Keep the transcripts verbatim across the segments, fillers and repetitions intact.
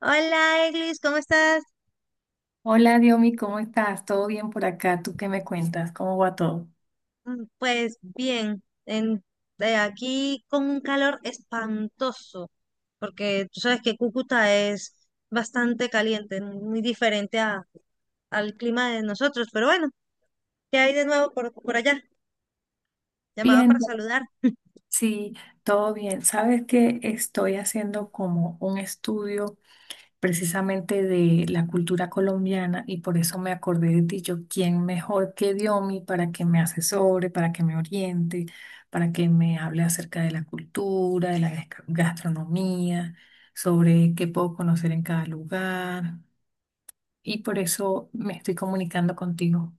Hola, Eglis, ¿cómo estás? Hola, Diomi, ¿cómo estás? ¿Todo bien por acá? ¿Tú qué me cuentas? ¿Cómo va todo? Mm, Pues bien, en- de aquí con un calor espantoso, porque tú sabes que Cúcuta es bastante caliente, muy diferente a- al clima de nosotros, pero bueno, ¿qué hay de nuevo por, por allá? Llamaba Bien, para todo- saludar. sí, todo bien. Sabes que estoy haciendo como un estudio precisamente de la cultura colombiana y por eso me acordé de ti. Yo, ¿quién mejor que Diomi para que me asesore, para que me oriente, para que me hable acerca de la cultura, de la gasca- gastronomía, sobre qué puedo conocer en cada lugar? Y por eso me estoy comunicando contigo.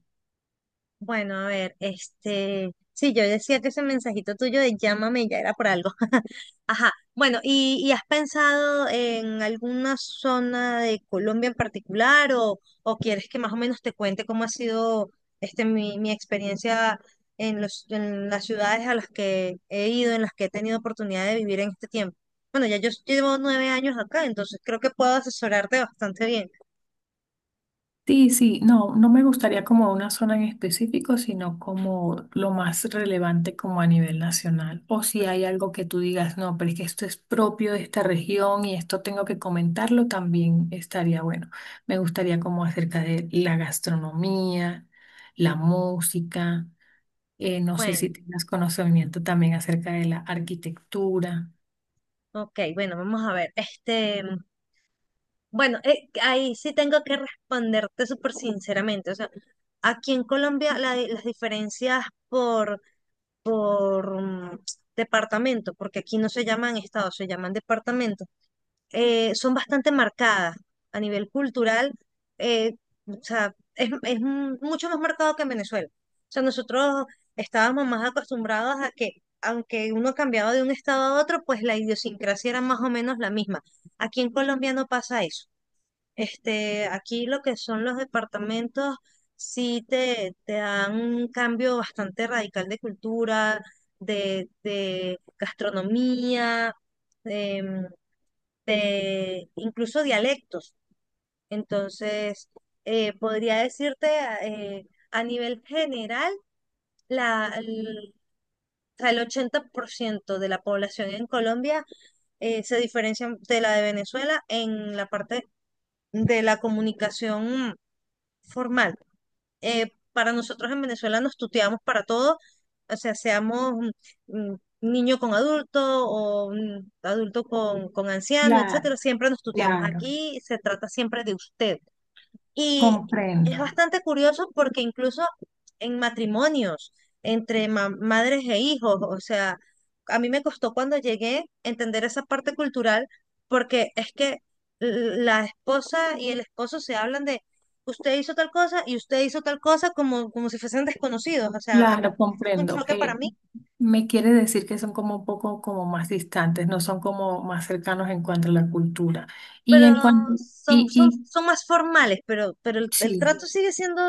Bueno, a ver, este, sí, yo decía que ese mensajito tuyo de llámame ya era por algo. Ajá. Bueno, ¿y, y has pensado en alguna zona de Colombia en particular o, o quieres que más o menos te cuente cómo ha sido este, mi, mi experiencia en los, en las ciudades a las que he ido, en las que he tenido oportunidad de vivir en este tiempo? Bueno, ya yo llevo nueve años acá, entonces creo que puedo asesorarte bastante bien. Sí, sí, no, no me gustaría como una zona en específico, sino como lo más relevante como a nivel nacional. O si hay algo que tú digas, no, pero es que esto es propio de esta región y esto tengo que comentarlo, también estaría bueno. Me gustaría como acerca de la gastronomía, la música, eh, no sé si Bueno, tengas conocimiento también acerca de la arquitectura. ok, bueno, vamos a ver. Este, bueno, eh, ahí sí tengo que responderte súper sinceramente. O sea, aquí en Colombia la di- las diferencias por, por mm, departamento, porque aquí no se llaman estados, se llaman departamentos, eh, son bastante marcadas a nivel cultural. eh, o sea, es, es mu- mucho más marcado que en Venezuela. O sea, nosotros estábamos más acostumbrados a que, aunque uno cambiaba de un estado a otro, pues la idiosincrasia era más o menos la misma. Aquí en Colombia no pasa eso. Este, aquí lo que son los departamentos, sí te, te dan un cambio bastante radical de cultura, de, de gastronomía, em, de incluso dialectos. Entonces, eh, podría decirte eh, a nivel general, la, el, o sea, el ochenta por ciento de la población en Colombia eh, se diferencia de la de Venezuela en la parte de la comunicación formal. Eh, para nosotros en Venezuela nos tuteamos para todo, o sea, seamos mm, mm, niño con adulto o mm, adulto con, con anciano, Claro, etcétera, siempre nos tuteamos. claro. Aquí se trata siempre de usted. Y es Comprendo. bastante curioso porque incluso en matrimonios entre ma- madres e hijos, o sea, a mí me costó cuando llegué entender esa parte cultural porque es que l- la esposa y el esposo se hablan de usted hizo tal cosa y usted hizo tal cosa como, como si fuesen desconocidos. O sea, a mí Claro, fue un comprendo. choque para Eh, mí, me quiere decir que son como un poco como más distantes, no son como más cercanos en cuanto a la cultura. Y pero en cuanto, son, y, son, y son más formales, pero, pero el, el sí. trato sigue siendo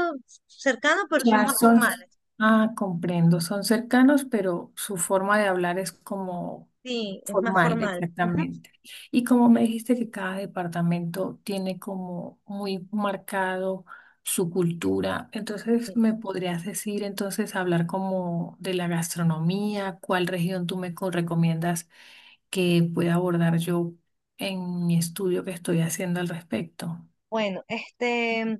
cercano, pero son Ya más son, formales. ah, comprendo, son cercanos, pero su forma de hablar es como Sí, es más formal, formal. Ujú. Sí. exactamente. Y como me dijiste que cada departamento tiene como muy marcado su cultura, entonces me podrías decir, entonces, hablar como de la gastronomía, ¿cuál región tú me co- recomiendas que pueda abordar yo en mi estudio que estoy haciendo al respecto? Bueno, este,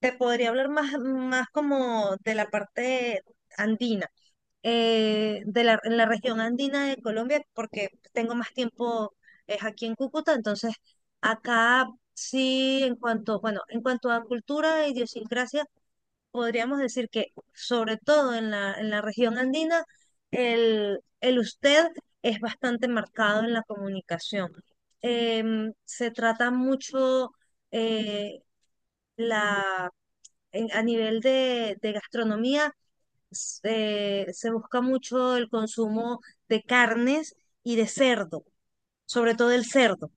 te podría hablar más, más como de la parte andina, eh, de la, en la región andina de Colombia, porque tengo más tiempo es aquí en Cúcuta, entonces acá sí, en cuanto, bueno, en cuanto a cultura e idiosincrasia, podríamos decir que sobre todo en la, en la región andina, el, el usted es bastante marcado en la comunicación. Em, se trata mucho... eh, la, en- a nivel de, de gastronomía s- eh, se busca mucho el consumo de carnes y de cerdo, sobre todo el cerdo.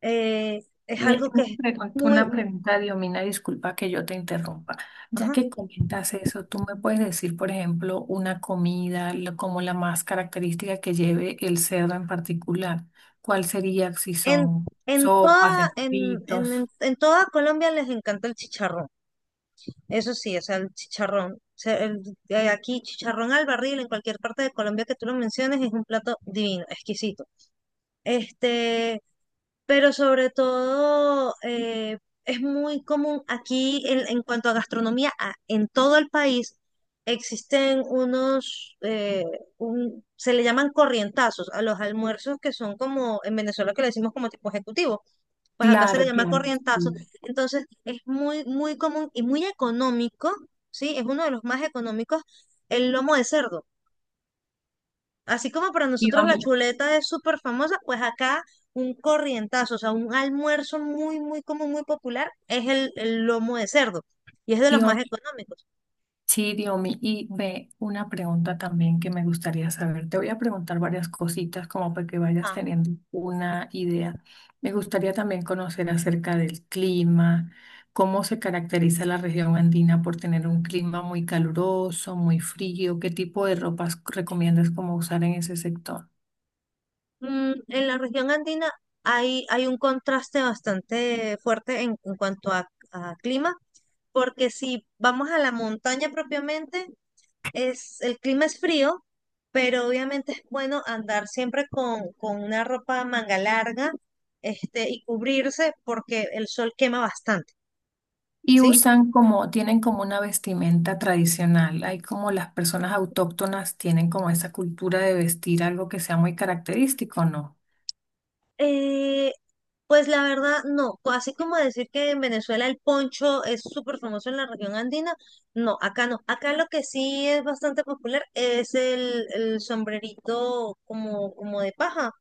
Eh, es Eh, algo que una es pregun- muy... Una mu- pregunta, Diomina, disculpa que yo te interrumpa. Ya ajá. que comentas eso, ¿tú me puedes decir, por ejemplo, una comida lo- como la más característica que lleve el cerdo en particular? ¿Cuál sería si En, son en sopas, toda, en, en, en- embutidos? en toda Colombia les encanta el chicharrón. Eso sí, o sea, el chicharrón. O sea, el- eh, aquí chicharrón al barril, en cualquier parte de Colombia que tú lo menciones, es un plato divino, exquisito. Este, pero sobre todo eh, es muy común aquí en, en cuanto a gastronomía, a- en todo el país existen unos, eh, un- se le llaman corrientazos a los almuerzos que son como en Venezuela que le decimos como tipo ejecutivo, pues acá se le Claro, llama claro. corrientazo, Sí. entonces es muy, muy común y muy económico, ¿sí? Es uno de los más económicos el lomo de cerdo. Así como para nosotros la Diomi- chuleta es súper famosa, pues acá un corrientazo, o sea, un almuerzo muy, muy común, muy popular, es el, el lomo de cerdo y es de los más Diomina, económicos. sí, Diomi, y ve una pregunta también que me gustaría saber. Te voy a preguntar varias cositas como para que vayas Ah, teniendo una idea. Me gustaría también conocer acerca del clima, cómo se caracteriza la región andina, por tener un clima muy caluroso, muy frío, qué tipo de ropas recomiendas como usar en ese sector. mm, en la región andina hay, hay un contraste bastante fuerte en, en cuanto a, a clima, porque si vamos a la montaña propiamente, es, el clima es frío, pero obviamente es bueno andar siempre con, con una ropa manga larga, este, y cubrirse porque el sol quema bastante, Y ¿sí? usan como, tienen como una vestimenta tradicional. Hay como las personas autóctonas tienen como esa cultura de vestir algo que sea muy característico, ¿no? Eh, pues la verdad, no. Co- Así como decir que en Venezuela el poncho es súper famoso en la región andina, no, acá no. Acá lo que sí es bastante popular es el, el sombrerito como, como de paja.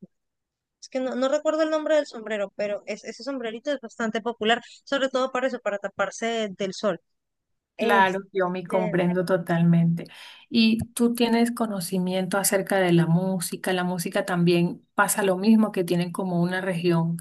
Es que no, no recuerdo el nombre del sombrero, pero es, ese sombrerito es bastante popular, sobre todo para eso, para taparse del sol. Claro, yo me Este, comprendo totalmente. Y tú tienes conocimiento acerca de la música. La música también pasa lo mismo, que tienen como una región,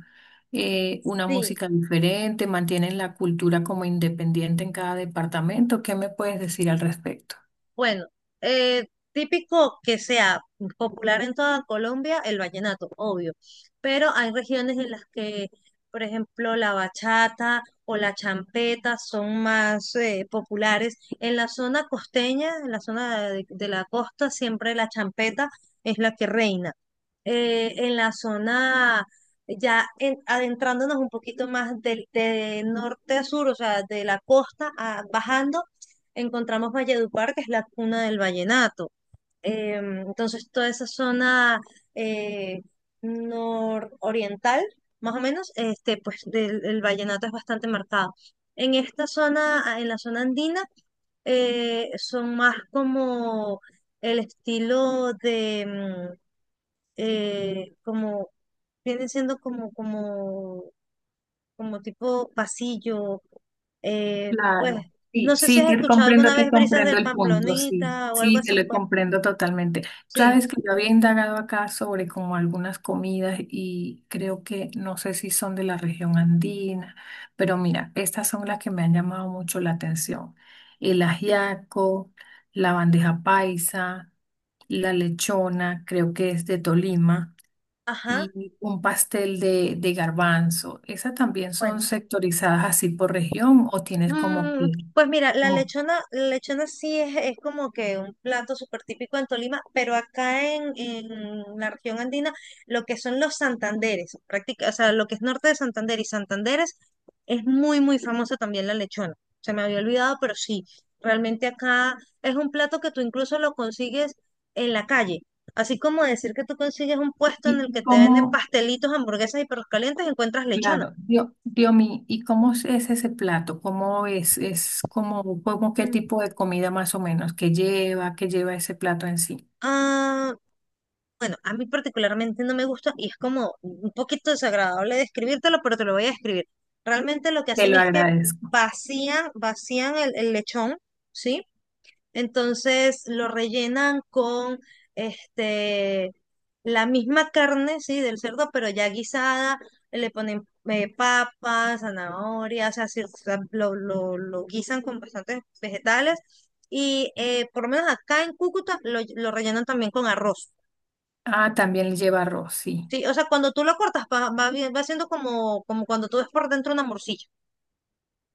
eh, una sí, música diferente, mantienen la cultura como independiente en cada departamento. ¿Qué me puedes decir al respecto? bueno, eh, típico que sea popular en toda Colombia el vallenato, obvio, pero hay regiones en las que, por ejemplo, la bachata o la champeta son más eh, populares. En la zona costeña, en la zona de, de la costa, siempre la champeta es la que reina. Eh, en la zona, ya en- adentrándonos un poquito más del de norte a sur, o sea, de la costa a- bajando encontramos Valledupar, que es la cuna del vallenato. Eh, entonces, toda esa zona eh, nororiental, más o menos, este, pues del, el vallenato es bastante marcado. En esta zona, ah, en la zona andina, eh, son más como el estilo de, mm, eh, como, vienen siendo como, como como tipo pasillo. Eh, pues, Claro, no sí, sé si sí, has te escuchado comprendo, alguna te vez Brisas del comprendo el punto, sí, Pamplonita o algo sí, te así. lo Pues, comprendo totalmente. sí, Sabes que yo había indagado acá sobre como algunas comidas y creo que no sé si son de la región andina, pero mira, estas son las que me han llamado mucho la atención. El ajiaco, la bandeja paisa, la lechona, creo que es de Tolima, ajá. y un pastel de, de garbanzo. ¿Esas también Bueno, son sectorizadas así por región o tienes como Mm, que, pues mira, la como, lechona, la lechona sí es, es como que un plato súper típico en Tolima, pero acá en, en la región andina, lo que son los Santanderes, práctica, o sea, lo que es norte de Santander y Santanderes, es muy, muy famosa también la lechona. Se me había olvidado, pero sí, realmente acá es un plato que tú incluso lo consigues en la calle. Así como decir que tú consigues un puesto y, en el que y te venden cómo, pastelitos, hamburguesas y perros calientes, encuentras lechona. claro, Dio- Diomi, ¿y cómo es ese plato? ¿Cómo es, es como, como qué Mm, tipo de comida más o menos que lleva, que lleva ese plato en sí? Ah, Bueno, a mí particularmente no me gusta y es como un poquito desagradable describírtelo, pero te lo voy a describir. Realmente lo que Te hacen lo es que agradezco. vacían, vacían el, el lechón, ¿sí? Entonces lo rellenan con este, la misma carne, ¿sí? Del cerdo, pero ya guisada, le ponen eh, papas, zanahorias, o sea, sí, o sea, lo, lo, lo guisan con bastantes vegetales y eh, por lo menos acá en Cúcuta lo lo rellenan también con arroz. Ah, también lleva arroz, sí. Sí, o sea, cuando tú lo cortas, va, va, bien- va siendo como, como cuando tú ves por dentro una morcilla.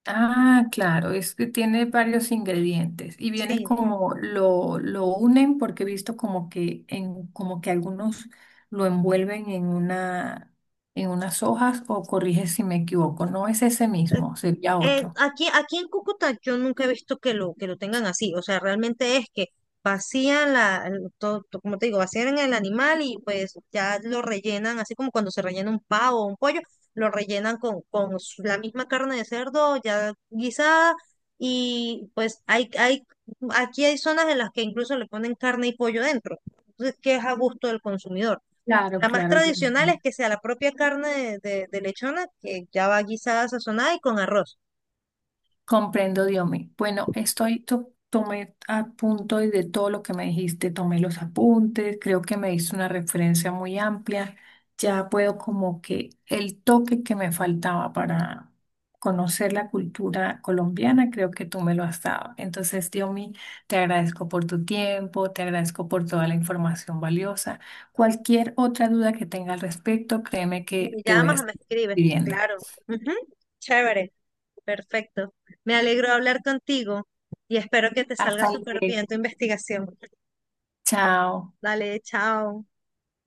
Ah, claro, es que tiene varios ingredientes y viene Sí. como lo, lo unen porque he visto como que en como que algunos lo envuelven en una, en unas hojas, o corrige si me equivoco, no es ese mismo, sería Eh, otro. aquí, aquí en Cúcuta yo nunca he visto que lo, que lo tengan así. O sea, realmente es que vacían la, el- to- to- como te digo, vacían el animal y pues ya lo rellenan, así como cuando se rellena un pavo o un pollo, lo rellenan con, con su- la misma carne de cerdo ya guisada. Y pues hay, hay, aquí hay zonas en las que incluso le ponen carne y pollo dentro. Entonces, que es a gusto del consumidor. Claro, La más claro. Ya tradicional es entendí. que sea la propia carne de, de- de lechona, que ya va guisada, sazonada y con arroz. Comprendo, Diomi. Bueno, estoy, to- tomé a punto de todo lo que me dijiste, tomé los apuntes, creo que me diste una referencia muy amplia. Ya puedo como que el toque que me faltaba para conocer la cultura colombiana, creo que tú me lo has dado. Entonces, Diomi, te agradezco por tu tiempo, te agradezco por toda la información valiosa. Cualquier otra duda que tenga al respecto, créeme Me que te voy a llamas o me estar escribes. pidiendo. Claro. Ujú. Chévere, perfecto. Me alegro de hablar contigo y espero que te salga Hasta súper bien tu luego. investigación. Chao. Dale, chao.